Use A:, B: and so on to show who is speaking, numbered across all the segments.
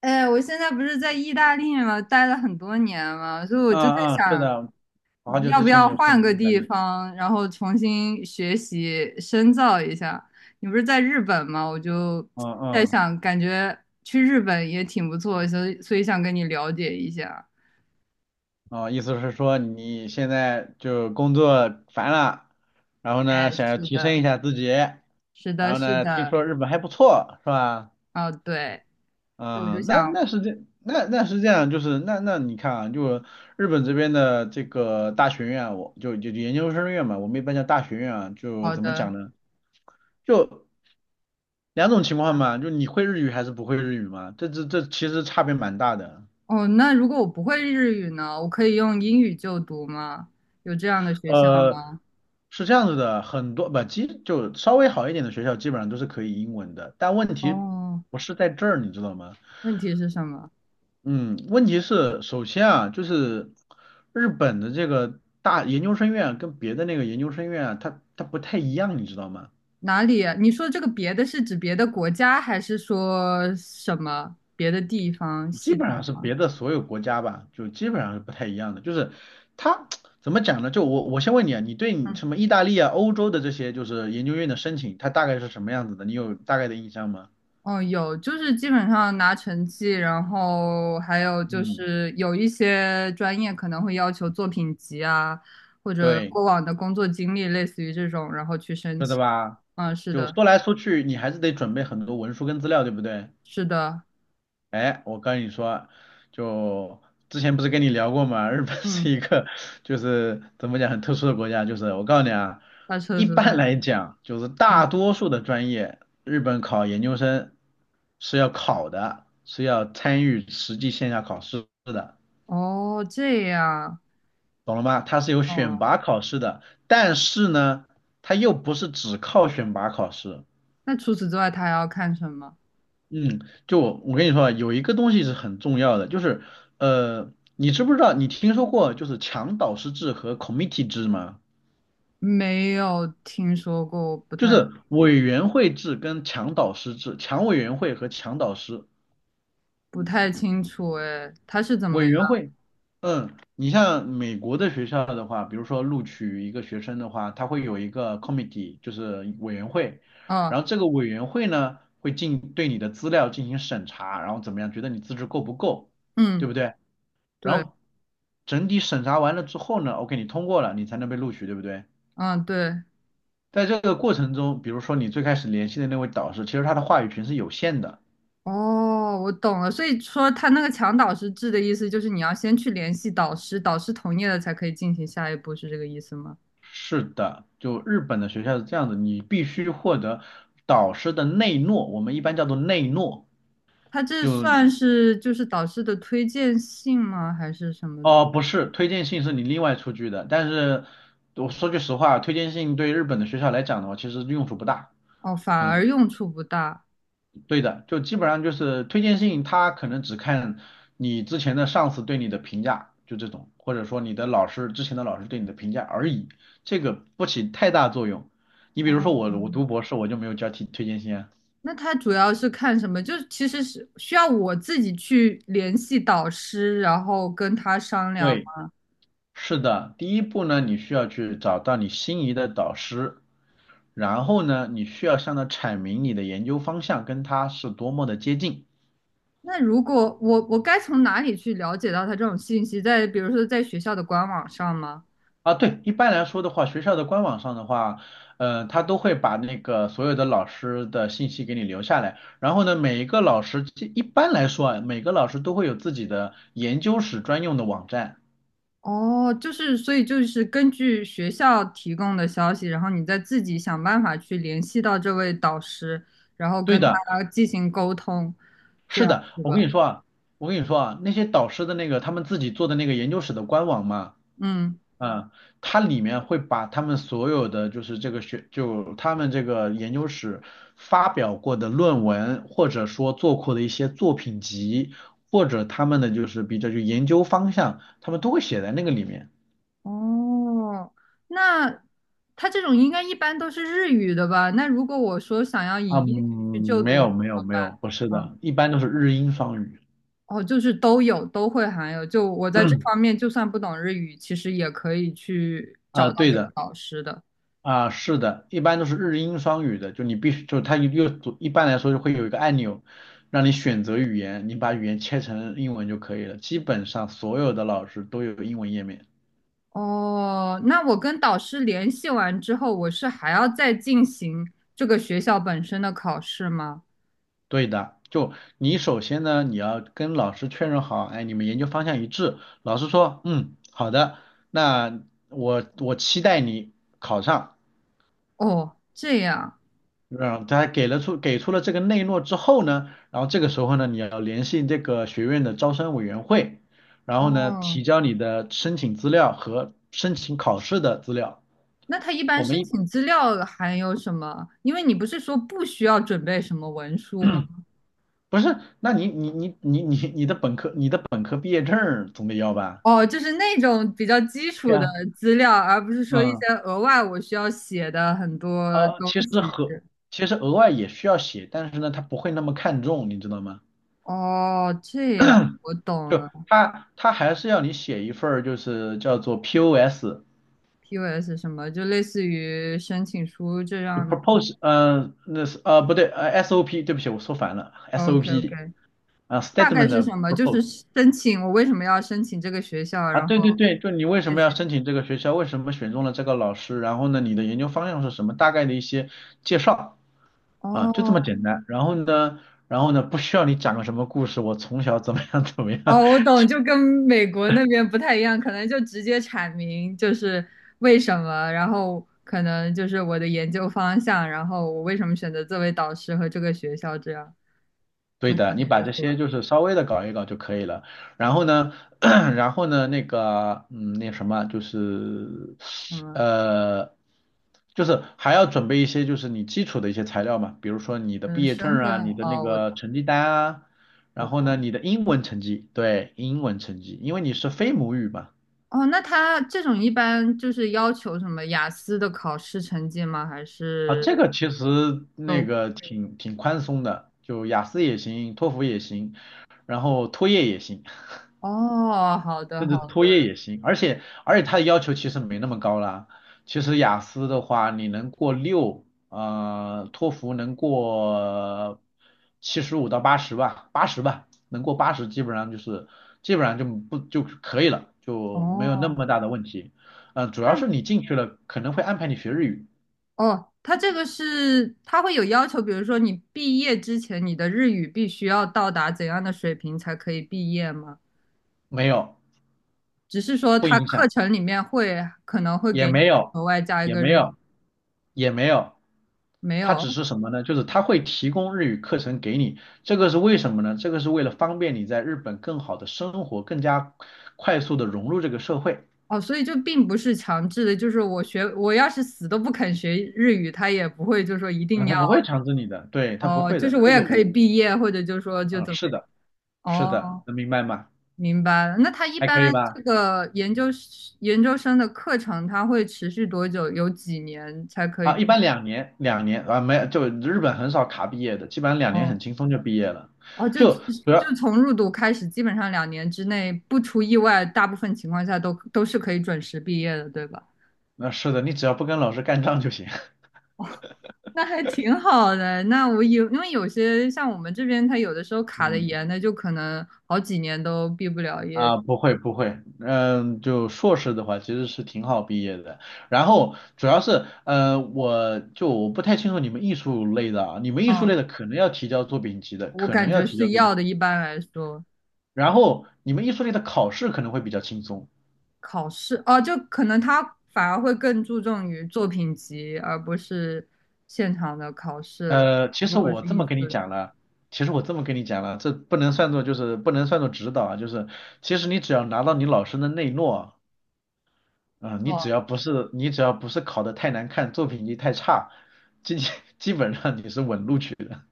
A: 哎，我现在不是在意大利嘛，待了很多年嘛，所以我就
B: 嗯
A: 在
B: 嗯，是
A: 想，
B: 的，好久
A: 要
B: 之
A: 不
B: 前你
A: 要
B: 就说
A: 换
B: 你在
A: 个
B: 意大
A: 地
B: 利，
A: 方，然后重新学习深造一下。你不是在日本吗？我就
B: 嗯
A: 在
B: 嗯，
A: 想，感觉去日本也挺不错，所以想跟你了解一下。
B: 哦，意思是说你现在就工作烦了，然后呢
A: 哎，
B: 想要
A: 是
B: 提升一
A: 的，
B: 下自己，
A: 是
B: 然
A: 的，
B: 后
A: 是
B: 呢听
A: 的，
B: 说日本还不错，是吧？
A: 哦，对，所以我就
B: 嗯，那
A: 想，
B: 那是这那那是这样，就是那你看啊，就日本这边的这个大学院啊我就研究生院嘛，我们一般叫大学院啊，就
A: 好
B: 怎么
A: 的，
B: 讲呢？就两种情况嘛，就你会日语还是不会日语嘛，这其实差别蛮大的。
A: 哦，那如果我不会日语呢，我可以用英语就读吗？有这样的学校
B: 呃，
A: 吗？
B: 是这样子的，很多不，基就稍微好一点的学校基本上都是可以英文的，但问题
A: 哦。
B: 不是在这儿，你知道吗？
A: 问题是什么？
B: 嗯，问题是首先啊，就是日本的这个大研究生院啊跟别的那个研究生院啊，它不太一样，你知道吗？
A: 哪里啊你说这个别的是指别的国家，还是说什么别的地方
B: 基
A: 系
B: 本
A: 统
B: 上是
A: 啊？
B: 别的所有国家吧，就基本上是不太一样的，就是它 怎么讲呢？就我先问你啊，你对你
A: 嗯，
B: 什么意大利啊、欧洲的这些就是研究院的申请，它大概是什么样子的？你有大概的印象吗？
A: 哦，有，就是基本上拿成绩，然后还有就
B: 嗯。
A: 是有一些专业可能会要求作品集啊，或者
B: 对，
A: 过往的工作经历，类似于这种，然后去申
B: 是的
A: 请。
B: 吧？
A: 嗯，是
B: 就
A: 的，
B: 说来说去，你还是得准备很多文书跟资料，对不对？
A: 是的，
B: 哎，我跟你说，就之前不是跟你聊过吗？日本
A: 嗯，
B: 是一个就是怎么讲很特殊的国家，就是我告诉你啊，
A: 他测
B: 一
A: 试在
B: 般
A: 哪？
B: 来讲，就是
A: 嗯，
B: 大多数的专业，日本考研究生是要考的，是要参与实际线下考试的，
A: 哦，这样，
B: 懂了吗？它是有选
A: 哦，
B: 拔考试的，但是呢，它又不是只靠选拔考试。
A: 那除此之外，他还要看什么？
B: 嗯，就我跟你说啊，有一个东西是很重要的，就是你知不知道你听说过就是强导师制和 committee 制吗？
A: 没有听说过，我不
B: 就
A: 太理
B: 是
A: 解，
B: 委员会制跟强导师制，强委员会和强导师
A: 不太清楚。哎，他是怎么
B: 委
A: 样？
B: 员会。嗯，你像美国的学校的话，比如说录取一个学生的话，他会有一个 committee，就是委员会，
A: 哦，
B: 然后这个委员会呢会进对你的资料进行审查，然后怎么样，觉得你资质够不够，对
A: 嗯，
B: 不对？然
A: 对，
B: 后整体审查完了之后呢，OK，你通过了，你才能被录取，对不对？
A: 嗯，对，
B: 在这个过程中，比如说你最开始联系的那位导师，其实他的话语权是有限的。
A: 哦，我懂了。所以说，他那个强导师制的意思就是你要先去联系导师，导师同意了才可以进行下一步，是这个意思吗？
B: 是的，就日本的学校是这样子，你必须获得导师的内诺，我们一般叫做内诺。
A: 他这
B: 就
A: 算是就是导师的推荐信吗？还是什么东西？
B: 哦，不是，推荐信是你另外出具的，但是我说句实话，推荐信对日本的学校来讲的话，其实用处不大。
A: 哦，反
B: 嗯。
A: 而用处不大。
B: 对的，就基本上就是推荐信，他可能只看你之前的上司对你的评价，就这种，或者说你的老师之前的老师对你的评价而已，这个不起太大作用。你比如说我，我读
A: 哦
B: 博士我就没有交替推荐信啊。
A: 那他主要是看什么？就是其实是需要我自己去联系导师，然后跟他商量
B: 对，
A: 吗
B: 是的，第一步呢，你需要去找到你心仪的导师，然后呢，你需要向他阐明你的研究方向跟他是多么的接近。
A: 那如果我该从哪里去了解到他这种信息？在比如说在学校的官网上吗？
B: 啊，对，一般来说的话，学校的官网上的话，他都会把那个所有的老师的信息给你留下来。然后呢，每一个老师，这一般来说啊，每个老师都会有自己的研究室专用的网站。
A: 哦，就是所以就是根据学校提供的消息，然后你再自己想办法去联系到这位导师，然后
B: 对
A: 跟
B: 的，
A: 他进行沟通，这
B: 是
A: 样
B: 的，
A: 是
B: 我跟
A: 吧？
B: 你说啊，我跟你说啊，那些导师的那个他们自己做的那个研究室的官网嘛，
A: 嗯。
B: 嗯，它里面会把他们所有的就是这个学，就他们这个研究室发表过的论文，或者说做过的一些作品集，或者他们的就是比较就研究方向，他们都会写在那个里面。
A: 哦，那他这种应该一般都是日语的吧？那如果我说想要
B: 啊，
A: 以
B: 嗯，
A: 英语去就
B: 没
A: 读，
B: 有没有
A: 好
B: 没
A: 吧？
B: 有，不是
A: 嗯，
B: 的，一般都是日英双语。
A: 哦，就是都有，都会含有。就我在这方面，就算不懂日语，其实也可以去找
B: 啊，
A: 到
B: 对
A: 这个
B: 的。
A: 导师的。
B: 啊，是的，一般都是日英双语的，就你必须，就它又一般来说就会有一个按钮，让你选择语言，你把语言切成英文就可以了。基本上所有的老师都有英文页面。
A: 哦，那我跟导师联系完之后，我是还要再进行这个学校本身的考试吗？
B: 对的，就你首先呢，你要跟老师确认好，哎，你们研究方向一致。老师说，嗯，好的，那我期待你考上。
A: 哦，这样。
B: 让他给了出给出了这个内诺之后呢，然后这个时候呢，你要联系这个学院的招生委员会，然后呢，
A: 哦，
B: 提交你的申请资料和申请考试的资料。
A: 那他一
B: 我
A: 般
B: 们
A: 申
B: 一
A: 请资料还有什么？因为你不是说不需要准备什么文书吗？
B: 不是，那你的本科毕业证儿总得要吧？
A: 哦，就是那种比较基
B: 对
A: 础的
B: 呀，
A: 资料，而不是说一
B: 嗯，
A: 些额外我需要写的很多东
B: 其实
A: 西。
B: 和其实额外也需要写，但是呢，他不会那么看重，你知道吗？
A: 哦，这样我懂
B: 就
A: 了。
B: 他还是要你写一份儿就是叫做 POS，
A: POS 什么，就类似于申请书这
B: 就
A: 样的。
B: propose，嗯、那是啊、不对，SOP，对不起，我说反了
A: OK
B: ，SOP，
A: OK，
B: 啊、s t a
A: 大
B: t e m e
A: 概
B: n t
A: 是
B: of
A: 什么？就
B: propose，
A: 是申请我为什么要申请这个学校，
B: 啊，
A: 然
B: 对
A: 后
B: 对对，就你为什
A: 类
B: 么
A: 似
B: 要
A: 于
B: 申请这个学校，为什么选中了这个老师，然后呢，你的研究方向是什么，大概的一些介绍，啊、就这
A: 哦，
B: 么简单，然后呢，然后呢，不需要你讲个什么故事，我从小怎么样怎么样，
A: 哦，我懂，就跟美国那边不太一样，可能就直接阐明就是为什么，然后可能就是我的研究方向，然后我为什么选择这位导师和这个学校，这样
B: 对
A: 就可
B: 的，你
A: 以
B: 把
A: 了，
B: 这
A: 是
B: 些
A: 吧？
B: 就是稍微的搞一搞就可以了。然后呢，然后呢，那个，嗯，那什么，就是，
A: 嗯
B: 呃，就是还要准备一些就是你基础的一些材料嘛，比如说你的毕
A: 嗯，
B: 业证
A: 身份
B: 啊，你的那
A: 哦，我
B: 个成绩单啊，然
A: 我
B: 后
A: 懂。
B: 呢，你的英文成绩，对，英文成绩，因为你是非母语嘛，
A: 哦，那他这种一般就是要求什么雅思的考试成绩吗？还
B: 啊，
A: 是
B: 这个其实那
A: 都？
B: 个挺宽松的，就雅思也行，托福也行，然后托业也行。
A: 哦，好的
B: 甚
A: 好
B: 至托
A: 的。
B: 业也行，而且它的要求其实没那么高啦。其实雅思的话，你能过六，托福能过75到80吧，八十吧，能过八十基本上就是基本上就不就可以了，就没有那
A: 哦，
B: 么大的问题。嗯、主要是你进去了可能会安排你学日语，
A: 哦，它这个是它会有要求，比如说你毕业之前，你的日语必须要到达怎样的水平才可以毕业吗？
B: 没有，
A: 只是说
B: 不
A: 它
B: 影
A: 课
B: 响。
A: 程里面会可能会
B: 也
A: 给你
B: 没有，
A: 额外加一
B: 也
A: 个
B: 没
A: 日语，
B: 有，也没有。
A: 没
B: 他
A: 有
B: 只是什么呢？就是他会提供日语课程给你，这个是为什么呢？这个是为了方便你在日本更好的生活，更加快速的融入这个社会。
A: 哦，所以就并不是强制的，就是我学我要是死都不肯学日语，他也不会就说一
B: 啊，
A: 定
B: 他
A: 要
B: 不会强制你的，对，他不
A: 哦，
B: 会
A: 就是
B: 的，
A: 我
B: 这
A: 也
B: 个
A: 可以
B: 我，
A: 毕业，或者就说就
B: 啊，
A: 怎么
B: 是
A: 样
B: 的，是的，
A: 哦。
B: 能明白吗？
A: 明白了。那他一
B: 还
A: 般
B: 可以
A: 这
B: 吧？
A: 个研究生的课程，他会持续多久？有几年才可以
B: 啊，一
A: 毕
B: 般两年，两年啊，没有就日本很少卡毕业的，基本上两年很
A: 哦
B: 轻松就毕业了，
A: 哦，就
B: 就主
A: 就
B: 要，
A: 从入读开始，基本上2年之内，不出意外，大部分情况下都是可以准时毕业的，对吧？
B: 那、是的，你只要不跟老师干仗就行。
A: 那还挺好的。那我有，因为有些像我们这边，他有的时候 卡的
B: 嗯。
A: 严的，就可能好几年都毕不了业。
B: 啊，不会不会，嗯，就硕士的话其实是挺好毕业的。然后主要是，我不太清楚你们艺术类的啊，你们艺术
A: 嗯，
B: 类的可能要提交作品集的，
A: 我
B: 可能
A: 感
B: 要
A: 觉
B: 提交
A: 是
B: 作品
A: 要
B: 集。
A: 的，一般来说。
B: 然后你们艺术类的考试可能会比较轻松。
A: 考试哦，就可能他反而会更注重于作品集，而不是现场的考试。
B: 其
A: 如
B: 实
A: 果是
B: 我这
A: 艺
B: 么
A: 术
B: 跟你
A: 类，
B: 讲了，其实我这么跟你讲了，这不能算作就是不能算作指导啊，就是其实你只要拿到你老师的内诺。嗯，你只
A: 哦
B: 要不是你只要不是考得太难看，作品集太差，基 基本上你是稳录取的。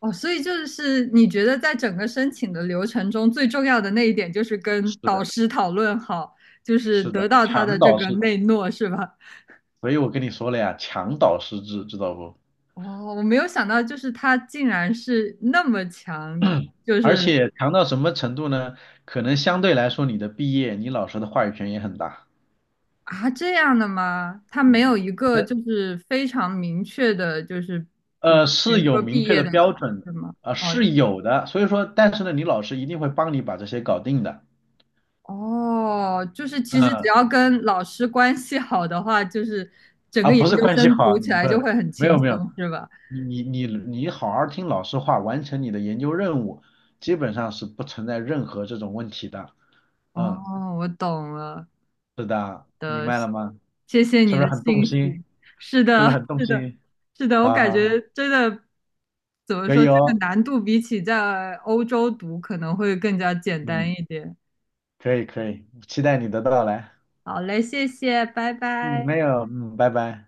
A: 哦，所以就是你觉得在整个申请的流程中，最重要的那一点就是 跟
B: 是
A: 导
B: 的，
A: 师讨论好，就是
B: 是
A: 得
B: 的，
A: 到他的
B: 强
A: 这
B: 导
A: 个
B: 师，
A: 内诺，是吧？
B: 所以我跟你说了呀，强导师制，知道不？
A: 哦，我没有想到，就是他竟然是那么强，就
B: 而
A: 是
B: 且强到什么程度呢？可能相对来说，你的毕业，你老师的话语权也很大。
A: 啊，这样的吗？他没
B: 嗯，
A: 有一个就是非常明确的，就是比比
B: 是
A: 如
B: 有
A: 说
B: 明
A: 毕
B: 确
A: 业
B: 的
A: 的
B: 标
A: 考
B: 准的，
A: 试吗？
B: 啊、
A: 哦
B: 是有的。所以说，但是呢，你老师一定会帮你把这些搞定的。
A: 哦，就是其实只
B: 嗯，
A: 要跟老师关系好的话，就是整
B: 啊，
A: 个研
B: 不是
A: 究
B: 关系
A: 生
B: 好，
A: 读起
B: 你
A: 来
B: 不
A: 就
B: 能，
A: 会很
B: 没
A: 轻
B: 有没有，
A: 松，是吧？
B: 你好好听老师话，完成你的研究任务，基本上是不存在任何这种问题的。嗯，
A: 哦，我懂了
B: 是的，明
A: 的，
B: 白了吗？
A: 谢谢
B: 是
A: 你
B: 不是
A: 的
B: 很动
A: 信
B: 心？
A: 息。是
B: 是不
A: 的，
B: 是很动
A: 是的，
B: 心？
A: 是的，我
B: 好
A: 感
B: 好好，
A: 觉真的怎么
B: 可
A: 说，
B: 以
A: 这个
B: 哦，
A: 难度比起在欧洲读可能会更加简单
B: 嗯，
A: 一点。
B: 可以可以，期待你的到来。
A: 好嘞，谢谢，拜
B: 嗯，
A: 拜。
B: 没有，嗯，拜拜。